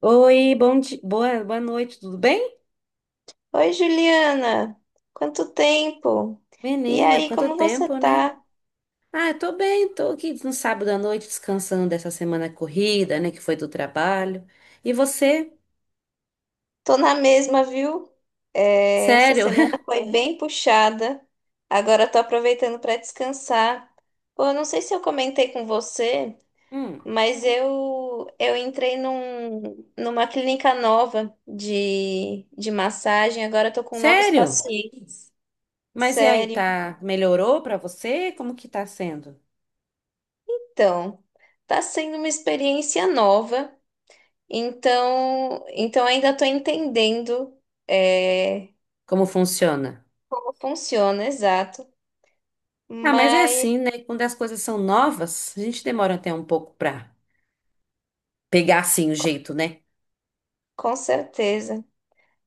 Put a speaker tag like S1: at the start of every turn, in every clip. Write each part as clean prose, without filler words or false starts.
S1: Oi, bom dia, boa noite, tudo bem?
S2: Oi, Juliana! Quanto tempo! E
S1: Menina,
S2: aí,
S1: quanto
S2: como você
S1: tempo, né?
S2: tá?
S1: Ah, eu tô bem, tô aqui no sábado à noite descansando dessa semana corrida, né, que foi do trabalho. E você?
S2: Tô na mesma, viu? Essa
S1: Sério?
S2: semana foi bem puxada. Agora tô aproveitando para descansar. Pô, eu não sei se eu comentei com você,
S1: Hum,
S2: mas eu entrei numa clínica nova de massagem. Agora eu tô com novos
S1: sério?
S2: pacientes.
S1: Mas e aí,
S2: Sério,
S1: tá, melhorou pra você? Como que tá sendo?
S2: então. Tá sendo uma experiência nova. Então ainda estou entendendo é,
S1: Como funciona?
S2: como funciona, exato.
S1: Ah, mas é
S2: Mas
S1: assim, né? Quando as coisas são novas, a gente demora até um pouco pra pegar assim o jeito, né?
S2: com certeza.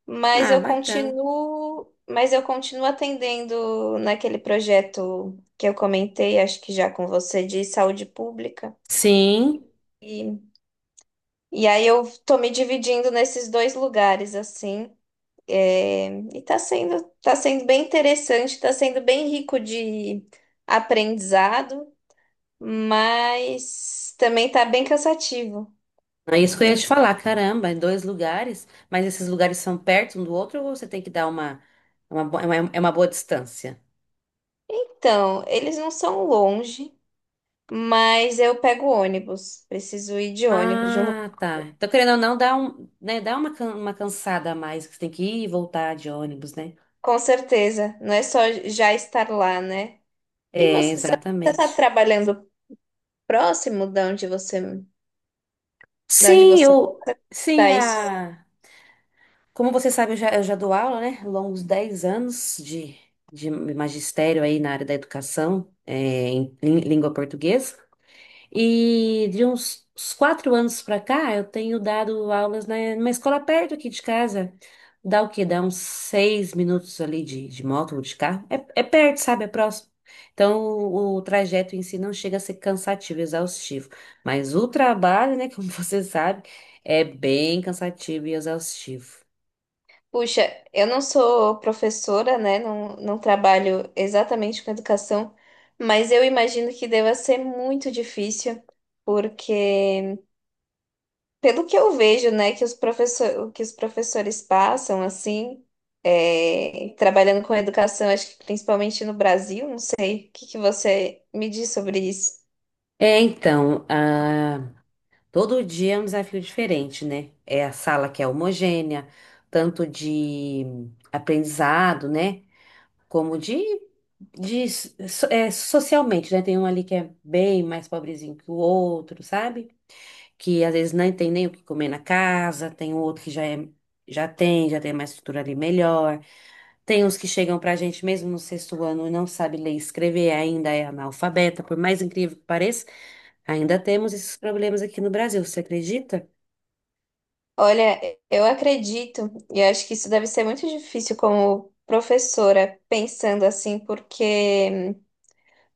S1: Ah, bacana.
S2: Mas eu continuo atendendo naquele projeto que eu comentei, acho que já com você, de saúde pública.
S1: Sim.
S2: E, e aí eu tô me dividindo nesses dois lugares, assim. E tá sendo bem interessante, tá sendo bem rico de aprendizado, mas também tá bem cansativo.
S1: É isso que eu ia te falar, caramba, em dois lugares, mas esses lugares são perto um do outro ou você tem que dar uma, bo- é uma boa distância?
S2: Então, eles não são longe, mas eu pego ônibus. Preciso ir de ônibus, de um lugar-
S1: Ah, tá. Então, querendo ou não, dá um, né, dá uma cansada a mais, que você tem que ir e voltar de ônibus, né?
S2: com certeza. Não é só já estar lá, né? E
S1: É,
S2: você, tá
S1: exatamente.
S2: trabalhando próximo de onde
S1: Sim,
S2: você
S1: eu,
S2: está?
S1: sim,
S2: Isso.
S1: a, como você sabe, eu já dou aula, né? Longos 10 anos de magistério aí na área da educação, é, em língua portuguesa. E de uns 4 anos para cá, eu tenho dado aulas na, numa escola perto aqui de casa. Dá o quê? Dá uns 6 minutos ali de moto ou de carro. É, é perto, sabe? É próximo. Então, o trajeto em si não chega a ser cansativo, exaustivo. Mas o trabalho, né, como você sabe, é bem cansativo e exaustivo.
S2: Puxa, eu não sou professora, né? Não, não trabalho exatamente com educação, mas eu imagino que deva ser muito difícil, porque pelo que eu vejo, né, que que os professores passam, assim, trabalhando com educação, acho que principalmente no Brasil, não sei, o que que você me diz sobre isso?
S1: É, então, ah, todo dia é um desafio diferente, né? É a sala que é homogênea, tanto de aprendizado, né? Como de, socialmente, né? Tem um ali que é bem mais pobrezinho que o outro, sabe? Que às vezes não tem nem o que comer na casa, tem um outro que já tem uma estrutura ali melhor. Tem uns que chegam pra gente mesmo no sexto ano e não sabe ler e escrever, ainda é analfabeta, por mais incrível que pareça, ainda temos esses problemas aqui no Brasil, você acredita?
S2: Olha, eu acredito, e eu acho que isso deve ser muito difícil como professora, pensando assim,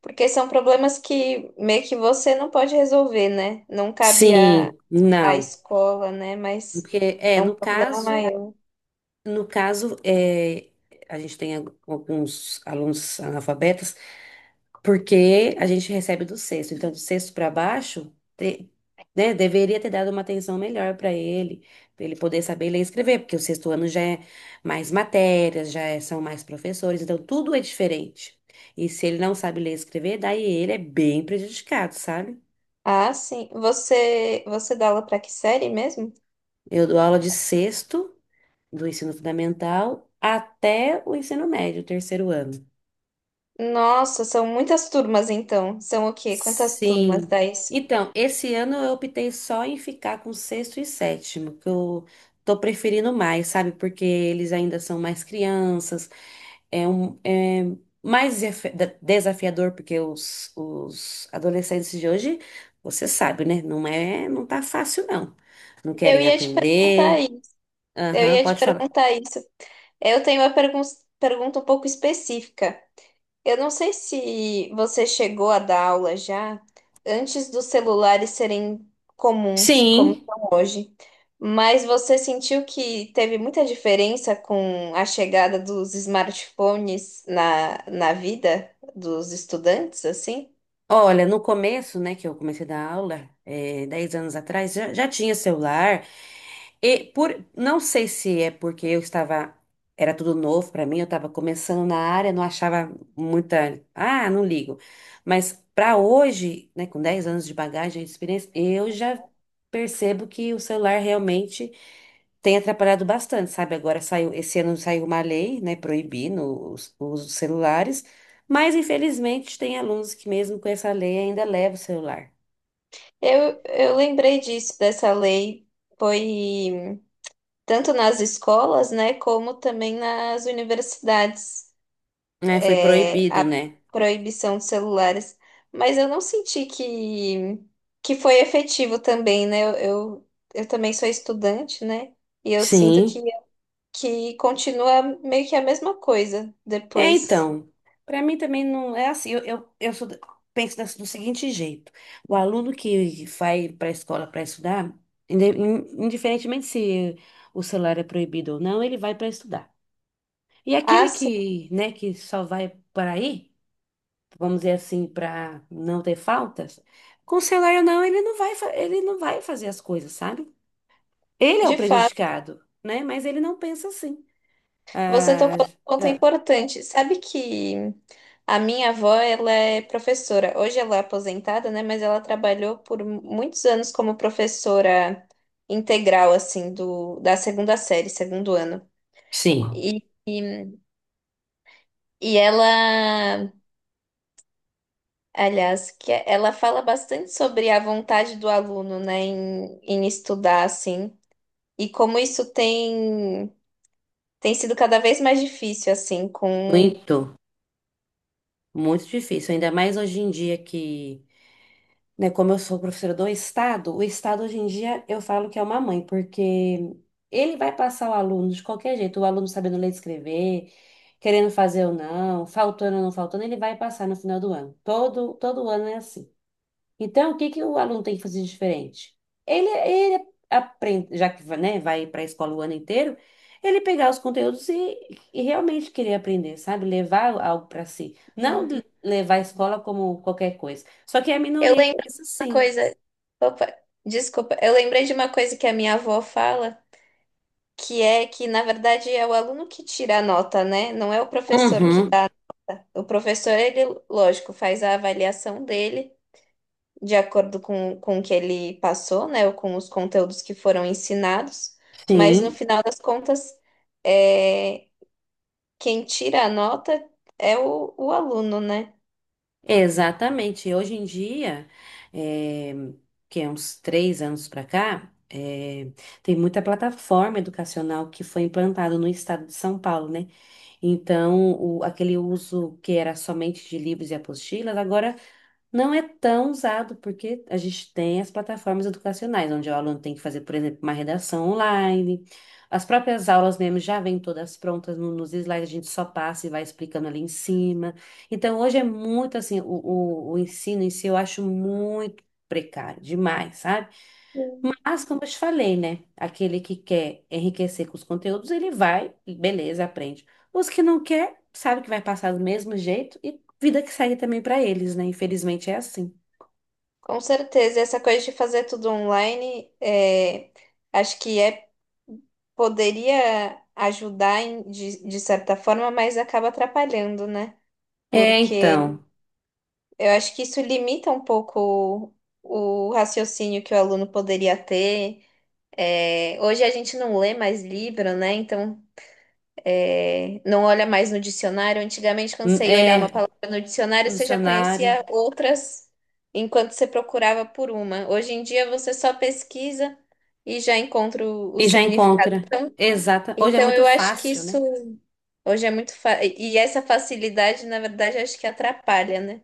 S2: porque são problemas que meio que você não pode resolver, né? Não cabe à
S1: Sim, não.
S2: escola, né? Mas
S1: Porque, é,
S2: é um
S1: no
S2: problema
S1: caso,
S2: maior.
S1: no caso, é, a gente tem alguns alunos analfabetas, porque a gente recebe do sexto. Então, do sexto para baixo, né, deveria ter dado uma atenção melhor para ele poder saber ler e escrever, porque o sexto ano já é mais matérias, são mais professores, então tudo é diferente. E se ele não sabe ler e escrever, daí ele é bem prejudicado, sabe?
S2: Ah, sim. Você, você dá aula para que série mesmo?
S1: Eu dou aula de sexto do ensino fundamental até o ensino médio, o terceiro ano.
S2: Nossa, são muitas turmas então. São o quê? Quantas turmas
S1: Sim.
S2: dá isso?
S1: Então, esse ano eu optei só em ficar com sexto e sétimo, que eu tô preferindo mais, sabe? Porque eles ainda são mais crianças, é mais desafiador, porque os adolescentes de hoje, você sabe, né? Não tá fácil, não. Não
S2: Eu
S1: querem
S2: ia te perguntar
S1: aprender.
S2: isso. Eu
S1: Aham,
S2: ia te
S1: pode falar.
S2: perguntar isso. Eu tenho uma pergun pergunta um pouco específica. Eu não sei se você chegou a dar aula já antes dos celulares serem comuns, como
S1: Sim.
S2: são hoje, mas você sentiu que teve muita diferença com a chegada dos smartphones na vida dos estudantes, assim?
S1: Olha, no começo, né, que eu comecei a dar aula, é, 10 anos atrás, já tinha celular, e por, não sei se é porque eu estava, era tudo novo para mim, eu estava começando na área, não achava muita, ah, não ligo. Mas para hoje, né, com 10 anos de bagagem, de experiência, eu já percebo que o celular realmente tem atrapalhado bastante, sabe? Agora saiu, esse ano saiu uma lei, né, proibindo os celulares, mas infelizmente tem alunos que mesmo com essa lei ainda levam o celular,
S2: Eu lembrei disso, dessa lei, foi tanto nas escolas, né, como também nas universidades.
S1: né? Foi proibido,
S2: A
S1: né?
S2: proibição de celulares, mas eu não senti que foi efetivo também, né? Eu também sou estudante, né? E eu sinto
S1: Sim.
S2: que continua meio que a mesma coisa
S1: É,
S2: depois.
S1: então, para mim também não é assim. Eu penso do seguinte jeito: o aluno que vai para a escola para estudar, indiferentemente se o celular é proibido ou não, ele vai para estudar. E
S2: Ah,
S1: aquele
S2: sim,
S1: que, né, que só vai para ir, vamos dizer assim, para não ter faltas, com o celular ou não, ele não vai, ele não vai fazer as coisas, sabe? Ele é o
S2: de fato.
S1: prejudicado, né? Mas ele não pensa assim.
S2: Você
S1: Ah,
S2: tocou num ponto
S1: ah,
S2: importante. Sabe que a minha avó, ela é professora. Hoje ela é aposentada, né? Mas ela trabalhou por muitos anos como professora integral, assim, da segunda série, segundo ano.
S1: sim,
S2: E, e ela, aliás, que é, ela fala bastante sobre a vontade do aluno, né, em estudar, assim, e como isso tem sido cada vez mais difícil, assim, com
S1: muito. Muito difícil, ainda mais hoje em dia que, né, como eu sou professora do Estado, o Estado hoje em dia eu falo que é uma mãe, porque ele vai passar o aluno de qualquer jeito, o aluno sabendo ler e escrever, querendo fazer ou não faltando, ele vai passar no final do ano. Todo ano é assim. Então, o que que o aluno tem que fazer de diferente? Ele aprende, já que, né, vai para a escola o ano inteiro, ele pegar os conteúdos e realmente querer aprender, sabe? Levar algo para si. Não de- levar a escola como qualquer coisa. Só que é a
S2: eu
S1: minoria que
S2: lembro de
S1: pensa
S2: uma
S1: assim.
S2: coisa. Opa, desculpa. Eu lembrei de uma coisa que a minha avó fala, que é que, na verdade, é o aluno que tira a nota, né? Não é o professor que
S1: Uhum.
S2: dá. O professor, ele, lógico, faz a avaliação dele de acordo com o que ele passou, né? Ou com os conteúdos que foram ensinados. Mas, no
S1: Sim,
S2: final das contas, é, quem tira a nota é o aluno, né?
S1: exatamente. Hoje em dia, eh, que é uns 3 anos para cá, tem muita plataforma educacional que foi implantada no estado de São Paulo, né? Então, aquele uso que era somente de livros e apostilas, agora não é tão usado, porque a gente tem as plataformas educacionais, onde o aluno tem que fazer, por exemplo, uma redação online. As próprias aulas mesmo já vêm todas prontas nos slides, a gente só passa e vai explicando ali em cima. Então, hoje é muito assim, o ensino em si eu acho muito precário, demais, sabe? Mas, como eu te falei, né? Aquele que quer enriquecer com os conteúdos, ele vai, beleza, aprende. Os que não quer, sabe que vai passar do mesmo jeito e vida que segue também para eles, né? Infelizmente é assim.
S2: Com certeza, essa coisa de fazer tudo online, acho que é, poderia ajudar em- de certa forma, mas acaba atrapalhando, né?
S1: É,
S2: Porque
S1: então,
S2: eu acho que isso limita um pouco o raciocínio que o aluno poderia ter. É, hoje a gente não lê mais livro, né? Então é, não olha mais no dicionário. Antigamente, quando você ia olhar uma
S1: é
S2: palavra no dicionário, você já
S1: missionário
S2: conhecia outras enquanto você procurava por uma. Hoje em dia, você só pesquisa e já encontra o
S1: e já
S2: significado.
S1: encontra. Exata. Hoje é
S2: Então,
S1: muito
S2: eu acho que
S1: fácil,
S2: isso
S1: né?
S2: hoje é muito fácil. E essa facilidade, na verdade, acho que atrapalha, né?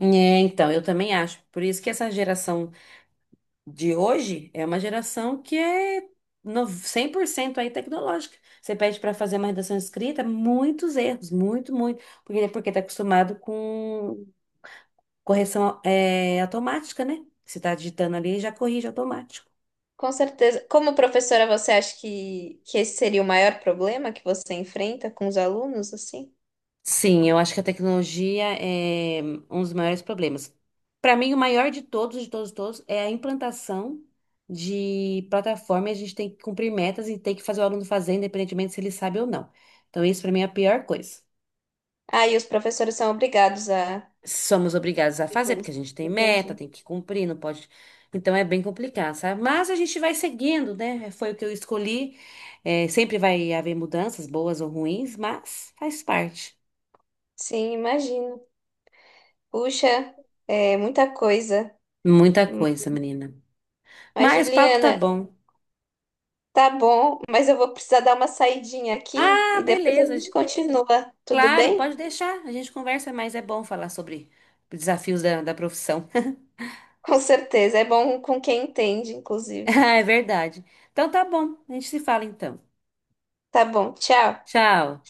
S1: É, então, eu também acho. Por isso que essa geração de hoje é uma geração que é 100% aí tecnológica. Você pede para fazer uma redação escrita, muitos erros, muito, muito, porque está acostumado com correção é, automática, né? Você está digitando ali e já corrige automático.
S2: Com certeza. Como professora, você acha que esse seria o maior problema que você enfrenta com os alunos, assim?
S1: Sim, eu acho que a tecnologia é um dos maiores problemas. Para mim, o maior de todos, de todos, de todos, é a implantação de plataforma. E a gente tem que cumprir metas e tem que fazer o aluno fazer, independentemente se ele sabe ou não. Então, isso para mim é a pior coisa.
S2: Ah, e os professores são obrigados a.
S1: Somos obrigados a fazer, porque a gente tem meta,
S2: Entendi.
S1: tem que cumprir, não pode. Então é bem complicado, sabe? Mas a gente vai seguindo, né? Foi o que eu escolhi. É, sempre vai haver mudanças, boas ou ruins, mas faz parte.
S2: Sim, imagino. Puxa, é muita coisa.
S1: Muita coisa, menina.
S2: Mas,
S1: Mas o papo tá
S2: Juliana,
S1: bom.
S2: tá bom, mas eu vou precisar dar uma saidinha aqui
S1: Ah,
S2: e depois a
S1: beleza.
S2: gente continua, tudo
S1: Claro,
S2: bem?
S1: pode deixar. A gente conversa, mas é bom falar sobre desafios da, da profissão.
S2: Com certeza, é bom com quem entende, inclusive.
S1: Ah, é verdade. Então tá bom. A gente se fala então.
S2: Tá bom, tchau.
S1: Tchau.